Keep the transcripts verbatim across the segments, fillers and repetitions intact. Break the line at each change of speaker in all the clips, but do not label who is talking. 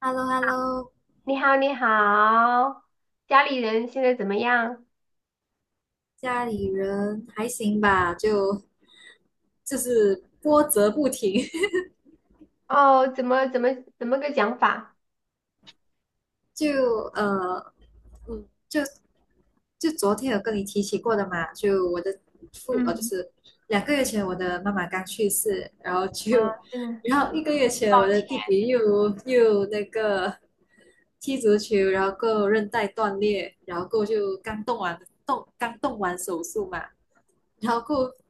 h e l l o, h e l l o。
你好，你好，家里人现在怎么样？
家里人还行吧？就就是波折不停，
哦，怎么怎么怎么个讲法？
就呃嗯，就就昨天有跟你提起过的嘛，就我的父呃就
嗯，
是两个月前我的妈妈刚去世，然后
啊，
就
真的，
然后一个月前
抱
我的
歉
弟弟又又那个踢足球，然后够韧带断裂，然后够就刚动完动刚动完手术嘛，然后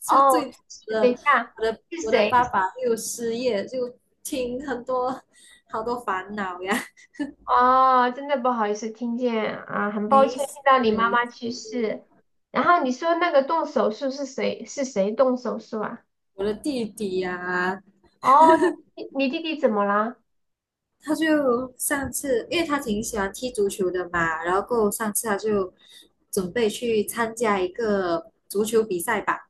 就
哦，
最我
等一
的
下，
我的
是
我的
谁？
爸爸又失业，就听很多好多烦恼呀，
哦，真的不好意思，听见啊，很抱
没
歉听
事
到你妈
没
妈
事。
去世。然后你说那个动手术是谁？是谁动手术啊？
我的弟弟呀，
哦，你你弟弟怎么了？
他就上次因为他挺喜欢踢足球的嘛，然后过后上次他就准备去参加一个足球比赛吧。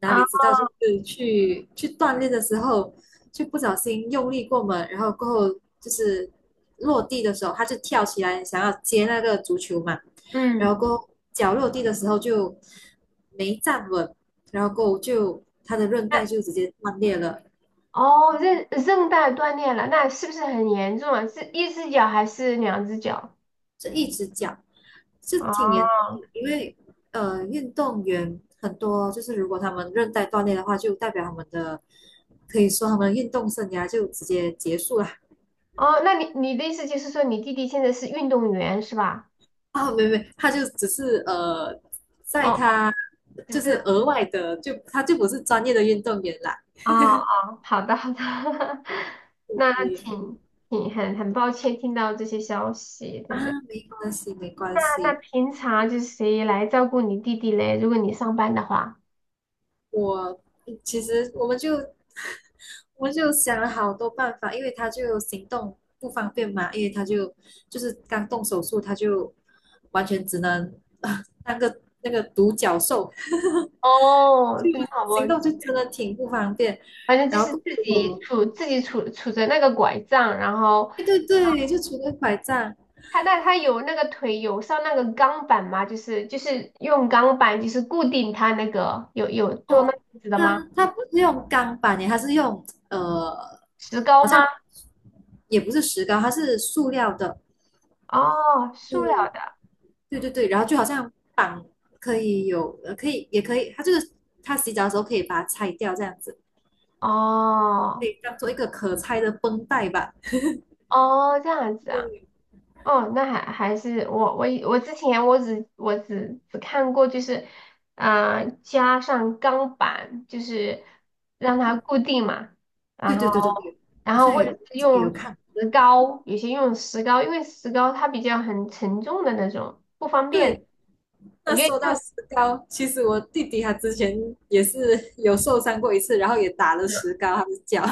哪
啊，
里知道就是去去锻炼的时候，就不小心用力过猛，然后过后就是落地的时候，他就跳起来想要接那个足球嘛，然
嗯，
后过后脚落地的时候就没站稳，然后过后就他的韧
那
带就直接断裂了，
哦，韧韧带断裂了，那是不是很严重啊？是一只脚还是两只脚？
这一只脚是挺严重
哦
的，因为呃运动员很多就是如果他们韧带断裂的话，就代表他们的可以说他们运动生涯就直接结束了。
哦，那你你的意思就是说你弟弟现在是运动员是吧？
啊，没没，他就只是呃，在
哦，哦
他
只是
就是额外的，就他就不是专业的运动员啦。
哦哦，好的好的，
对
那
对？
挺挺很很抱歉听到这些消息，
啊，
真的。
没关系，没关
那那
系。
平常就是谁来照顾你弟弟嘞？如果你上班的话，
我其实我们就我们就想了好多办法，因为他就行动不方便嘛，因为他就就是刚动手术，他就完全只能啊 当个那个独角兽，
哦，
就
真的好抱
行
歉，
动就真的挺不方便。
反正就
然
是
后
自己
我，
杵自己杵杵着那个拐杖，然后
对对对，就除了拐杖。
它那它有那个腿有上那个钢板吗？就是就是用钢板就是固定它那个有有做那
哦，
样子的吗？
它它不是用钢板耶，它是用呃，
石膏
好像
吗？
也不是石膏，它是塑料的，
哦，塑料
是，
的。
对对对，然后就好像绑可以有，呃，可以也可以，它就是它洗澡的时候可以把它拆掉，这样子可
哦
以当做一个可拆的绷带吧。
哦，这样子啊。
对
哦，那还还是我我以我之前我只我只只看过就是呃加上钢板就是让它固定嘛，
对
然后
对对对对，
然
好
后
像
或
也
者是
也有
用
看，
石膏，有些用石膏，因为石膏它比较很沉重的那种，不方便。
对。
我
那
觉得
说到石膏，其实我弟弟他之前也是有受伤过一次，然后也打了石
用
膏，他的脚，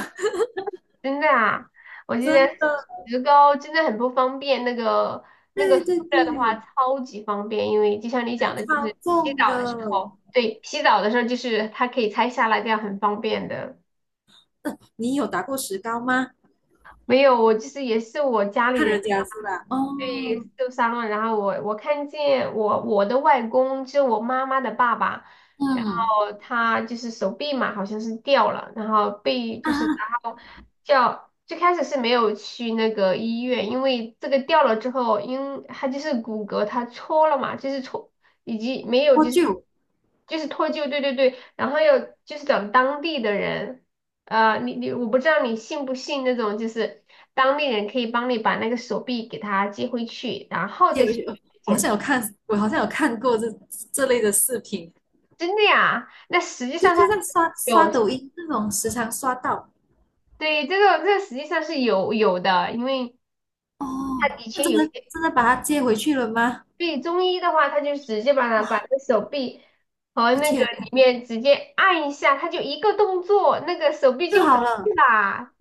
真的啊，我 觉
真
得
的，
石膏真的很不方便，那个那个
对
塑
对
料的话
对，
超级方便，因为就像你讲的，就是
超
洗
重
澡的时
的。
候，对，洗澡的时候就是它可以拆下来，这样很方便的。
呃，你有打过石膏吗？
没有，我就是也是我家里
看人
人。
家是吧？哦，
被受伤了，然后我我看见我我的外公，就我妈妈的爸爸，然
嗯
后他就是手臂嘛，好像是掉了，然后被就
啊，
是然后叫最开始是没有去那个医院，因为这个掉了之后，因他就是骨骼他戳了嘛，就是戳以及没有
我
就是。
就
就是脱臼，对对对，然后要就是找当地的人，呃，你你我不知道你信不信那种，就是当地人可以帮你把那个手臂给他接回去，然后
就
再去
我好
检
像
查，
有看，我好像有看过这这类的视频，
真的呀？那实际
就
上他
就
是
在刷刷
有，
抖音那种，时常刷到。
对，这个这个实际上是有有的，因为
哦，
他以
那
前
真
有些
的真的把它接回去了吗？
对中医的话，他就直接把它把
哇，
那个手臂和
我
那个
天，
里面直接按一下，他就一个动作，那个手臂
就
就回
好
去
了
啦。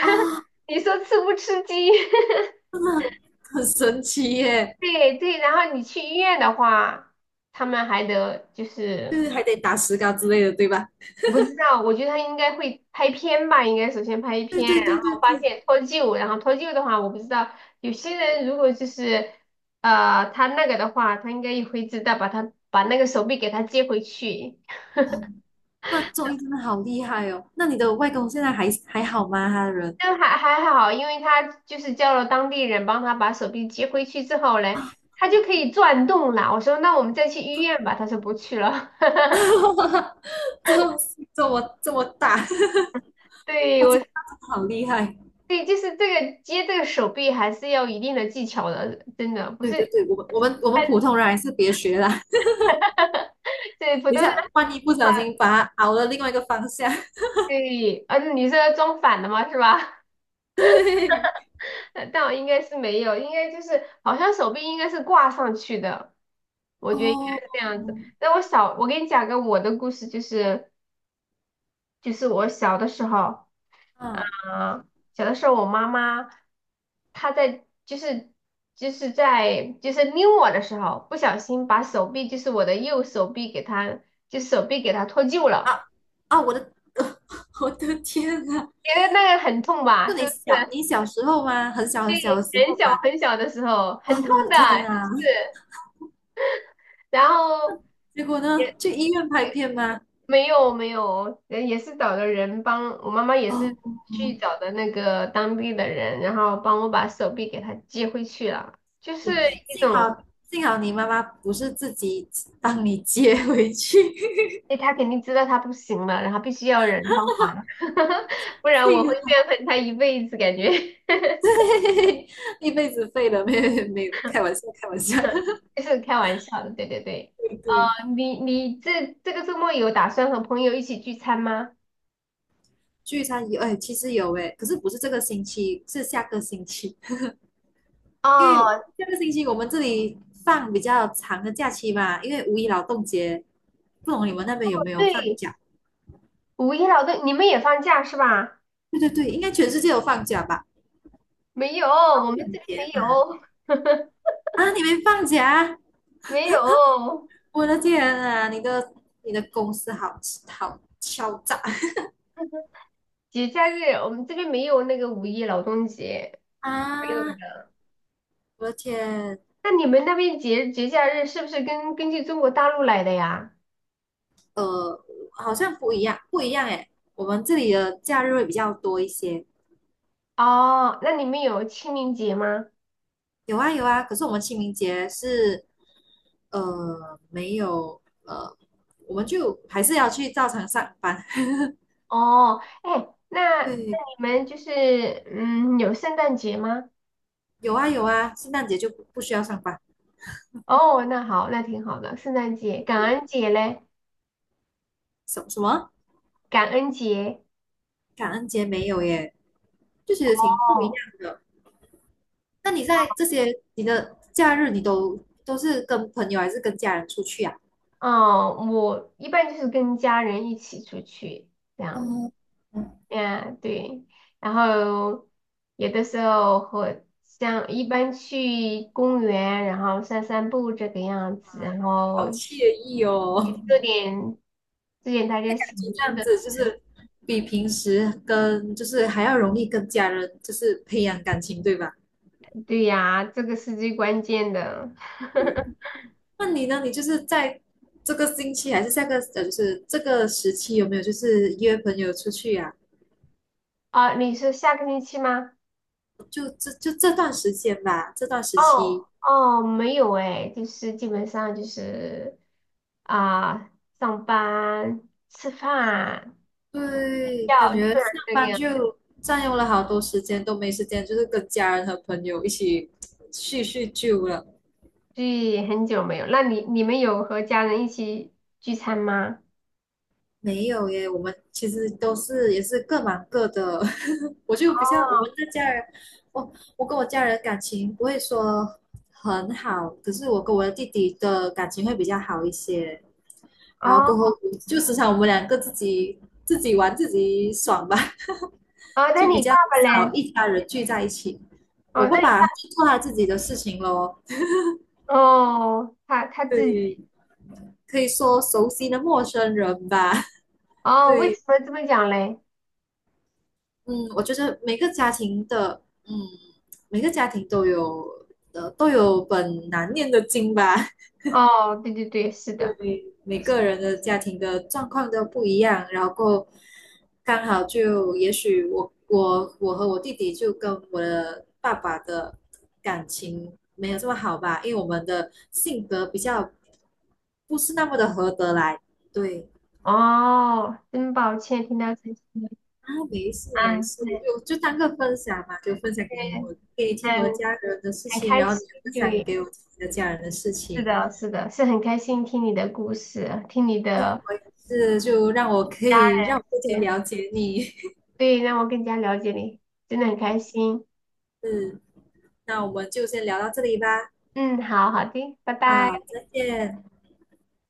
啊，
你说吃不吃激？
真的很神奇耶！
对对，然后你去医院的话，他们还得就
就
是，
是还得打石膏之类的，对吧？
我不知道，我觉得他应该会拍片吧，应该首先拍
对
片，
对
然
对对
后发
对，
现脱臼，然后脱臼的话，我不知道有些人如果就是呃他那个的话，他应该也会知道把他把那个手臂给他接回去，
哦，那周一真的好厉害哦！那你的外公现在还还好吗？他的人
但还还好，因为他就是叫了当地人帮他把手臂接回去之后嘞，
啊，
他就可以转动了。我说那我们再去医院吧，他说不去了。
这这么这么大，
对，
哇，这大
我
真的好厉害！
对，就是这个接这个手臂还是要一定的技巧的，真的不
对对
是
对，我们我们我们普通人还是别学啦，
对 普通
等一
的
下万一不
话，
小心把他熬了另外一个方向。
对，啊，你是装反的吗？是吧？
对，
但我应该是没有，应该就是好像手臂应该是挂上去的，我觉得应该
哦，
是这样子。
嗯
那我小，我给你讲个我的故事，就是就是我小的时候。
啊
啊，小的时候，我妈妈她在就是就是在就是拎我的时候，不小心把手臂就是我的右手臂给她就手臂给她脱臼了，
啊，我的 我的天啊！
觉得那个很痛
就
吧？是
你
不
小
是？
你小时候吗？很小很小的时
对，很
候
小
吗？
很小的时候很
啊，
痛
我的
的，
天啊！
是不是？然后
结果呢？
也
去医院拍片吗？
没有没有，也也是找的人帮我妈妈也是
哦，
去找的那个当地的人，然后帮我把手臂给她接回去了，就是一
幸好
种。
幸好你妈妈不是自己帮你接回去，
哎，他肯定知道他不行了，然后必须要人帮忙，不 然我会
幸好
怨恨他一辈子，感觉
一辈子废了，没有没有，开玩笑开玩笑，
就是开玩笑的。对对对，
对
啊，
对。
你你这这个周末有打算和朋友一起聚餐吗？
聚餐有哎，其实有哎，可是不是这个星期，是下个星期，因为
哦，
下个星期我们这里放比较长的假期嘛，因为五一劳动节，不懂你们那边有没有放
对，
假？
五一劳动，你们也放假是吧？
对对对，应该全世界有放假吧？
没有，我
劳
们这
动
边没
节嘛，
有，
啊，你们放假？
没有
我的天啊，你的你的公司好好敲诈
节假日，我们这边没有那个五一劳动节，没有
啊！
的。
我的天，
那你们那边节节假日是不是跟根据中国大陆来的呀？
呃，好像不一样，不一样诶。我们这里的假日会比较多一些，
哦，那你们有清明节吗？
有啊有啊。可是我们清明节是呃没有呃，我们就还是要去照常上班。
哦，哎，那 那
对，
你们就是嗯有圣诞节吗？
有啊有啊，圣诞节就不不需要上班。
哦，那好，那挺好的，圣诞节、感恩节嘞，
什什么？
感恩节。
感恩节没有耶，就觉得挺不一
哦，
样的。那你在这些你的假日，你都都是跟朋友还是跟家人出去啊？
哦，我一般就是跟家人一起出去这样，
哦，嗯
嗯，对，然后有的时候和像一般去公园，然后散散步这个样子，然
好
后
惬意
也
哦，
做点做点大 家
感
喜欢
觉这
去
样
的。
子就是比平时跟就是还要容易跟家人就是培养感情，对吧？
对呀，这个是最关键的。
那你呢？你就是在这个星期还是下个呃，就是这个时期有没有就是约朋友出去啊？
啊，你是下个星期吗？
就这就这段时间吧，这段时期
哦哦，没有哎，就是基本上就是啊，上班、吃饭、
对，感
要
觉
这
上
儿这个
班
样，
就占用了好多时间，都没时间，就是跟家人和朋友一起叙叙旧了。
对，很久没有。那你你们有和家人一起聚餐吗？
没有耶，我们其实都是也是各忙各的。我就不
哦
像我们的家人，我我跟我家人感情不会说很好，可是我跟我的弟弟的感情会比较好一些。然后
哦
过后就时常我们两个自己自己玩自己爽吧。
哦，那
就比
你
较
爸爸
少
嘞？
一家人聚在一起。我
哦，
爸
那你
爸就做他自己的事情咯，
哦，他他自己
对，可以说熟悉的陌生人吧。
哦，为
对，
什么这么讲嘞？
嗯，我觉得每个家庭的，嗯，每个家庭都有，呃，都有本难念的经吧。
哦，对对对，是的。
对，每个人的家庭的状况都不一样，然后刚好就也许我我我和我弟弟就跟我的爸爸的感情没有这么好吧，因为我们的性格比较不是那么的合得来。对
哦，真抱歉听到这些。
啊，没事没
嗯，
事，
是
就就当个分享嘛，就分享
是，
给你我给你
很
听我家人的事
很
情，
开
然后你
心，
也分享
对，
给我听你的家人的事
是
情，
的，是的，是很开心听你的故事，听你
对，
的
是就让我可
家
以让我更
人，
了解你，
对，让我更加了解你，真的很开心。
嗯。那我们就先聊到这里吧。
嗯，好好的，拜
好，
拜。
再见。